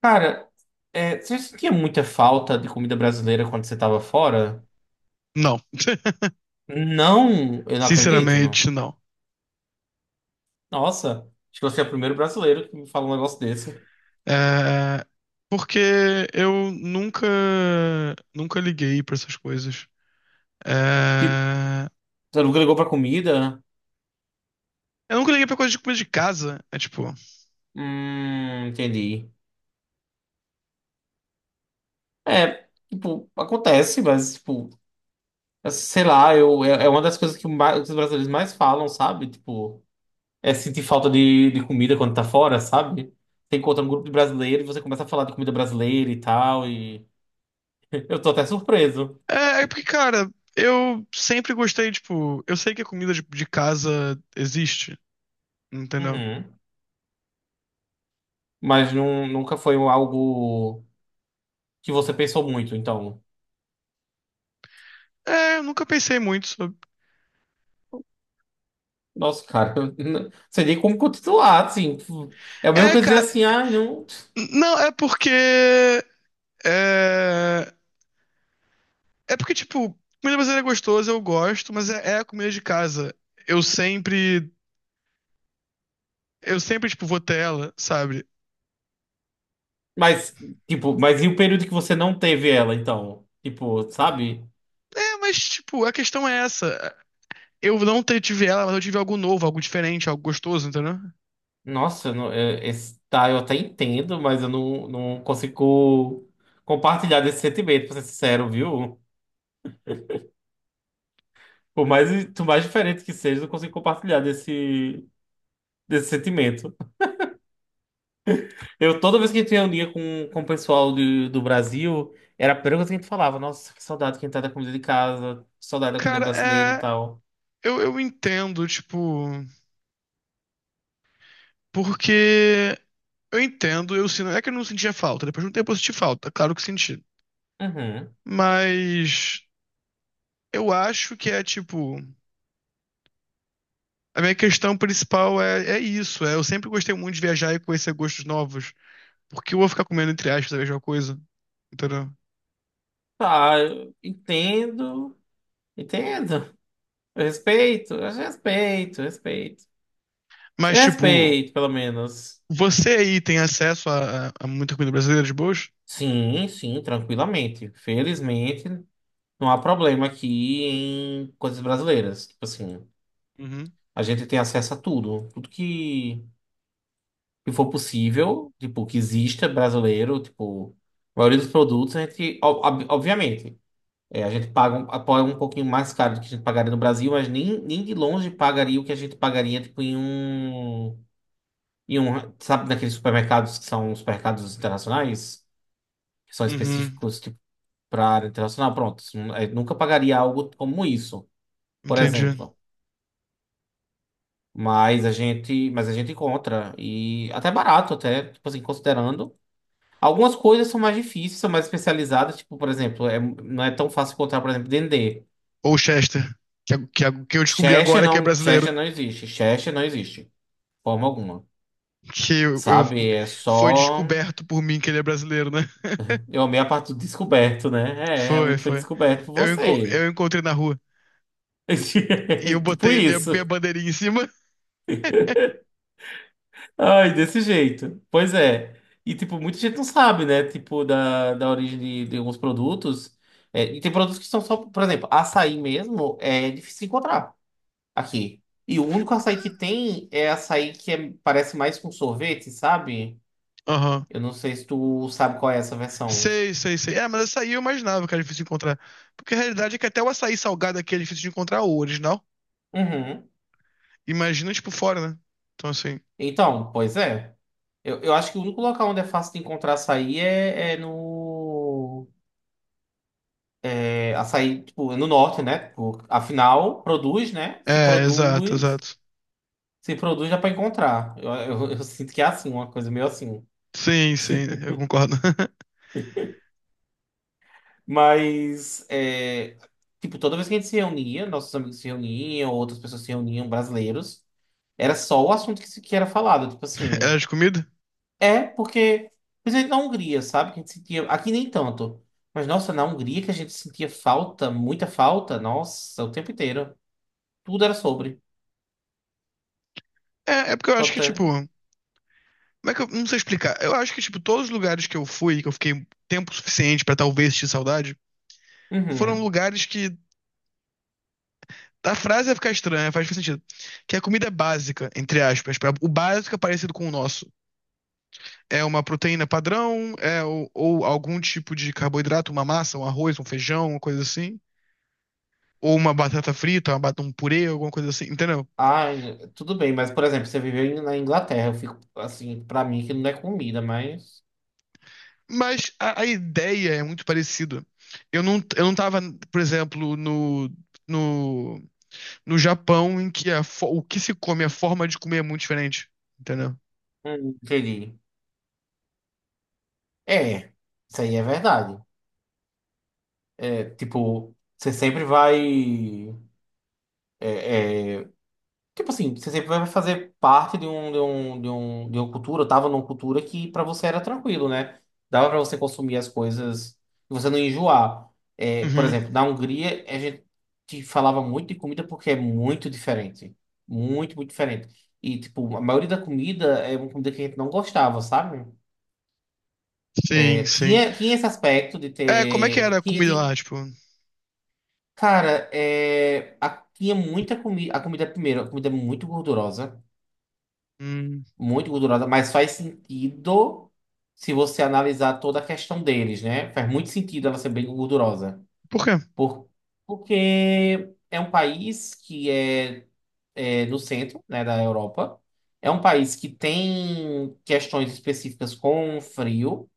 Cara, você sentia muita falta de comida brasileira quando você tava fora? Não. Não, eu não acredito, não. Sinceramente, não. Nossa, acho que você é o primeiro brasileiro que me fala um negócio desse. É, porque eu nunca, nunca liguei pra essas coisas. Tipo, É, você nunca ligou pra comida? eu nunca liguei pra coisa de comida de casa. É tipo. Entendi. É, tipo, acontece, mas, tipo, sei lá, é uma das coisas que os brasileiros mais falam, sabe? Tipo, é sentir falta de comida quando tá fora, sabe? Você encontra um grupo de brasileiros e você começa a falar de comida brasileira e tal, e eu tô até surpreso. É, é porque, cara, eu sempre gostei, tipo, eu sei que a comida de casa existe, entendeu? Uhum. Mas nunca foi um algo que você pensou muito, então. É, eu nunca pensei muito sobre. Nossa, cara, eu não sei nem como continuar, assim. Tipo, é a mesma É, coisa dizer cara. assim, ah, não. Não, é porque. É, É porque, tipo, comida brasileira é gostosa, eu gosto, mas é a comida de casa. Eu sempre, eu sempre, tipo, vou ter ela, sabe? Mas, tipo, e o período que você não teve ela, então? Tipo, sabe? É, mas, tipo, a questão é essa. Eu não tive ela, mas eu tive algo novo, algo diferente, algo gostoso, entendeu? Nossa, esse, tá, eu até entendo, mas eu não consigo compartilhar desse sentimento, pra ser sincero, viu? Por mais, por mais diferente que seja, eu não consigo compartilhar desse sentimento. Eu, toda vez que a gente reunia com o pessoal do Brasil, era a primeira coisa que a gente falava. Nossa, que saudade que a gente tá da comida de casa, que saudade da comida Cara, brasileira e é. tal. Eu entendo, tipo. Porque. Eu entendo, eu sinto. É que eu não sentia falta. Depois de um tempo eu senti falta, claro que senti. Uhum. Mas. Eu acho que é, tipo. A minha questão principal é isso. É, eu sempre gostei muito de viajar e conhecer gostos novos. Porque eu vou ficar comendo, entre aspas, a mesma coisa, entendeu? Tá, eu entendo, entendo. Eu respeito, eu respeito. Eu Mas, tipo, respeito, pelo menos. você aí tem acesso a muita comida brasileira de boas? Sim, sim, tranquilamente. Felizmente, não há problema aqui em coisas brasileiras. Tipo assim, Uhum, a gente tem acesso a tudo. Tudo que for possível, tipo, que exista brasileiro, tipo, a maioria dos produtos, a gente, obviamente, é, a gente paga um pouquinho mais caro do que a gente pagaria no Brasil, mas nem de longe pagaria o que a gente pagaria, tipo, em um, sabe, naqueles supermercados que são os supermercados internacionais, que são uhum, específicos, tipo, para área internacional, pronto, isso nunca pagaria algo como isso, por entendi. exemplo. Mas a gente encontra e até barato até, tipo assim, considerando. Algumas coisas são mais difíceis, são mais especializadas, tipo, por exemplo, não é tão fácil encontrar, por exemplo, dendê. Ou Chester, que eu descobri Chester agora que é não, brasileiro. Chester não existe, de forma alguma. Que eu, eu- Sabe, é Foi só. descoberto por mim que ele é brasileiro, né? Eu amei a parte do descoberto, né? É, Foi, realmente foi foi. descoberto por você. Eu encontrei na rua e eu Tipo botei minha isso. bandeirinha em cima. Ai, desse jeito. Pois é. E, tipo, muita gente não sabe, né? Tipo, da origem de alguns produtos. É, e tem produtos que são só, por exemplo, açaí mesmo, é difícil encontrar aqui. E o único açaí que tem é açaí que parece mais com sorvete, sabe? Aham. Eu não sei se tu sabe qual é essa versão. Sei, sei, sei. É, mas açaí eu imaginava que era difícil de encontrar. Porque a realidade é que até o açaí salgado aqui é difícil de encontrar o original. Uhum. Imagina, tipo, fora, né? Então, assim. Então, pois é. Eu acho que o único local onde é fácil de encontrar açaí é no. É açaí, tipo, é no norte, né? Tipo, afinal, produz, né? Se É, exato, produz, exato. se produz dá pra encontrar. Eu sinto que é assim, uma coisa meio assim. Sim, sim, eu concordo. Mas, é, tipo, toda vez que a gente se reunia, nossos amigos se reuniam, outras pessoas se reuniam, brasileiros. Era só o assunto que, se- que era falado. Tipo É assim, de comida? é porque, principalmente na Hungria, sabe? Que a gente sentia, aqui nem tanto. Mas, nossa, na Hungria que a gente sentia falta, muita falta, nossa, o tempo inteiro. Tudo era sobre. É porque eu Tô acho que, até. tipo. Como é que eu. Não sei explicar. Eu acho que, tipo, todos os lugares que eu fui, que eu fiquei tempo suficiente pra talvez sentir saudade, foram Uhum. lugares que. A frase vai ficar estranha, faz sentido. Que a comida é básica, entre aspas. O básico é parecido com o nosso. É uma proteína padrão, é, ou algum tipo de carboidrato, uma massa, um arroz, um feijão, uma coisa assim. Ou uma batata frita, um purê, alguma coisa assim, entendeu? Ai, tudo bem, mas, por exemplo, você viveu na Inglaterra, eu fico assim, pra mim que não é comida, mas. Mas a ideia é muito parecida. Eu não tava, por exemplo, no, no Japão, em que o que se come, a forma de comer é muito diferente. Entendeu? Entendi. É, isso aí é verdade. É, tipo, você sempre vai. É, é, Tipo assim, você sempre vai fazer parte de um, de uma cultura, eu tava numa cultura que pra você era tranquilo, né? Dava pra você consumir as coisas e você não enjoar. É, por Uhum. exemplo, na Hungria, a gente falava muito de comida porque é muito diferente. Muito, muito diferente. E, tipo, a maioria da comida é uma comida que a gente não gostava, sabe? Sim, sim. Tinha esse aspecto de É, como é que era ter. a comida lá, tipo? Cara, tinha muita comida. A comida, primeiro, a comida é muito gordurosa. Hum, Muito gordurosa, mas faz sentido se você analisar toda a questão deles, né? Faz muito sentido ela ser bem gordurosa. por quê? Por, porque é um país que é no centro, né, da Europa. É um país que tem questões específicas com frio.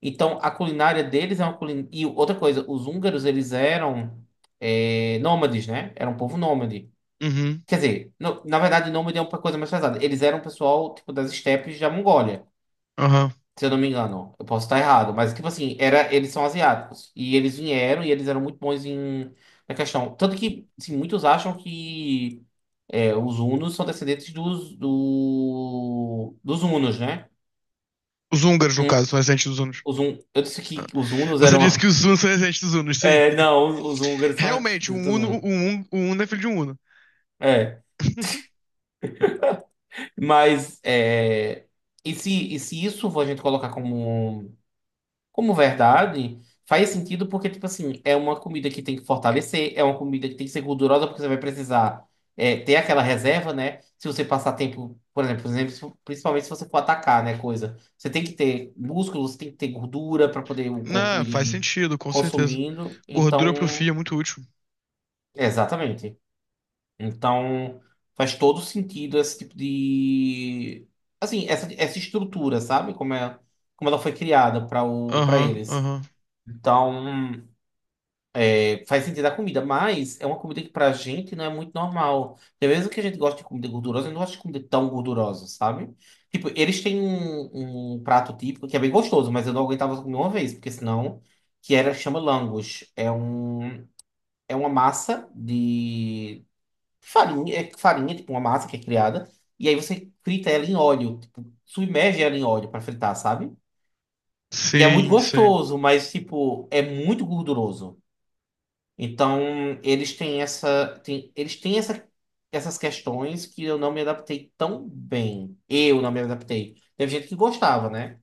Então, a culinária deles é uma culinária... E outra coisa, os húngaros, eles eram nômades, né? Era um povo nômade. Uhum. Quer dizer, na verdade, nômade é uma coisa mais pesada. Eles eram um pessoal, tipo, das estepes da Mongólia. Aham. Se eu não me engano, eu posso estar errado, mas tipo assim, era, eles são asiáticos e eles vieram e eles eram muito bons em na questão, tanto que assim, muitos acham que os hunos são descendentes dos hunos, né? Os húngaros, no Hum, caso, são residentes dos hunos. os hun, eu disse Ah. que os hunos Você disse que eram os hunos são residentes dos hunos, sim. não, os húngaros são Realmente, descendentes um dos uno hunos. Um uno é filho de um huno. É, mas é, e se isso for a gente colocar como. Como verdade, faz sentido porque, tipo assim, é uma comida que tem que fortalecer, é uma comida que tem que ser gordurosa porque você vai precisar ter aquela reserva, né? Se você passar tempo, por exemplo, principalmente se você for atacar, né, coisa. Você tem que ter músculos, tem que ter gordura para poder o corpo Não, faz ir sentido, com certeza. consumindo. Gordura pro fio é Então, muito útil. exatamente. Então, faz todo sentido esse tipo de... Assim, essa estrutura, sabe? Como é, como ela foi criada para para Aham, eles. aham. Então, faz sentido a comida, mas é uma comida que pra gente não é muito normal. Porque mesmo que a gente goste de comida gordurosa, eu não gosto de comida tão gordurosa, sabe? Tipo, eles têm um prato típico que é bem gostoso, mas eu não aguentava comer uma vez, porque senão, que era, chama langos. É uma massa de farinha, é farinha, tipo uma massa que é criada, e aí você frita ela em óleo, tipo, submerge ela em óleo pra fritar, sabe? E é muito Sim, sim. gostoso, mas, tipo, é muito gorduroso. Então, eles têm eles têm essas questões que eu não me adaptei tão bem. Eu não me adaptei. Teve gente que gostava, né?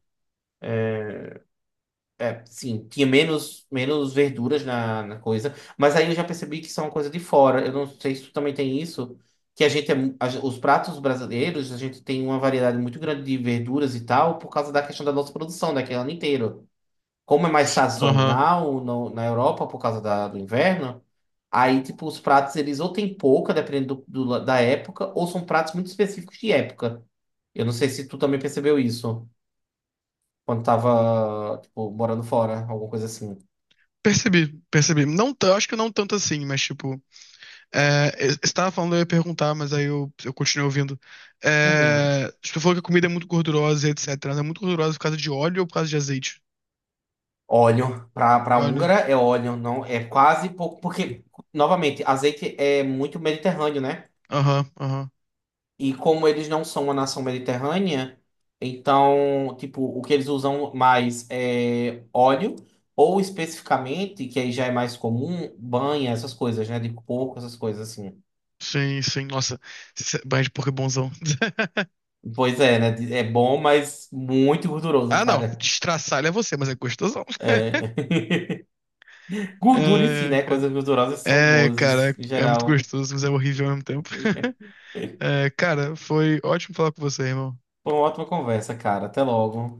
É, sim, tinha menos verduras na coisa, mas aí eu já percebi que são uma coisa de fora. Eu não sei se tu também tem isso, que a gente é, os pratos brasileiros, a gente tem uma variedade muito grande de verduras e tal, por causa da questão da nossa produção, daquele ano inteiro como é mais Aham. sazonal na Europa por causa do inverno, aí, tipo, os pratos, eles ou tem pouca, dependendo da época, ou são pratos muito específicos de época. Eu não sei se tu também percebeu isso quando tava, tipo, morando fora, alguma coisa assim. Percebi, percebi. Não, acho que não tanto assim, mas tipo. É, você tava falando, eu ia perguntar, mas aí eu continuei ouvindo. Uhum. É, tipo, você falou que a comida é muito gordurosa, e etc. Ela é muito gordurosa por causa de óleo ou por causa de azeite? Óleo, pra Óleo. húngara é óleo, não é quase pouco, porque, novamente, azeite é muito mediterrâneo, né? Aham, aham. E como eles não são uma nação mediterrânea, então, tipo, o que eles usam mais é óleo, ou especificamente, que aí já é mais comum, banha, essas coisas, né? De porco, essas coisas assim. Sim, sim. Nossa, banho de porco é bonzão. Pois é, né? É bom, mas muito gorduroso, Ah, não. cara. Destraçalho é você, mas é gostosão. É. Gordura em si, É, né? cara. Coisas gordurosas são É, cara, boas em é muito geral. gostoso, mas é horrível ao mesmo tempo. É, cara, foi ótimo falar com você, irmão. Foi uma ótima conversa, cara. Até logo.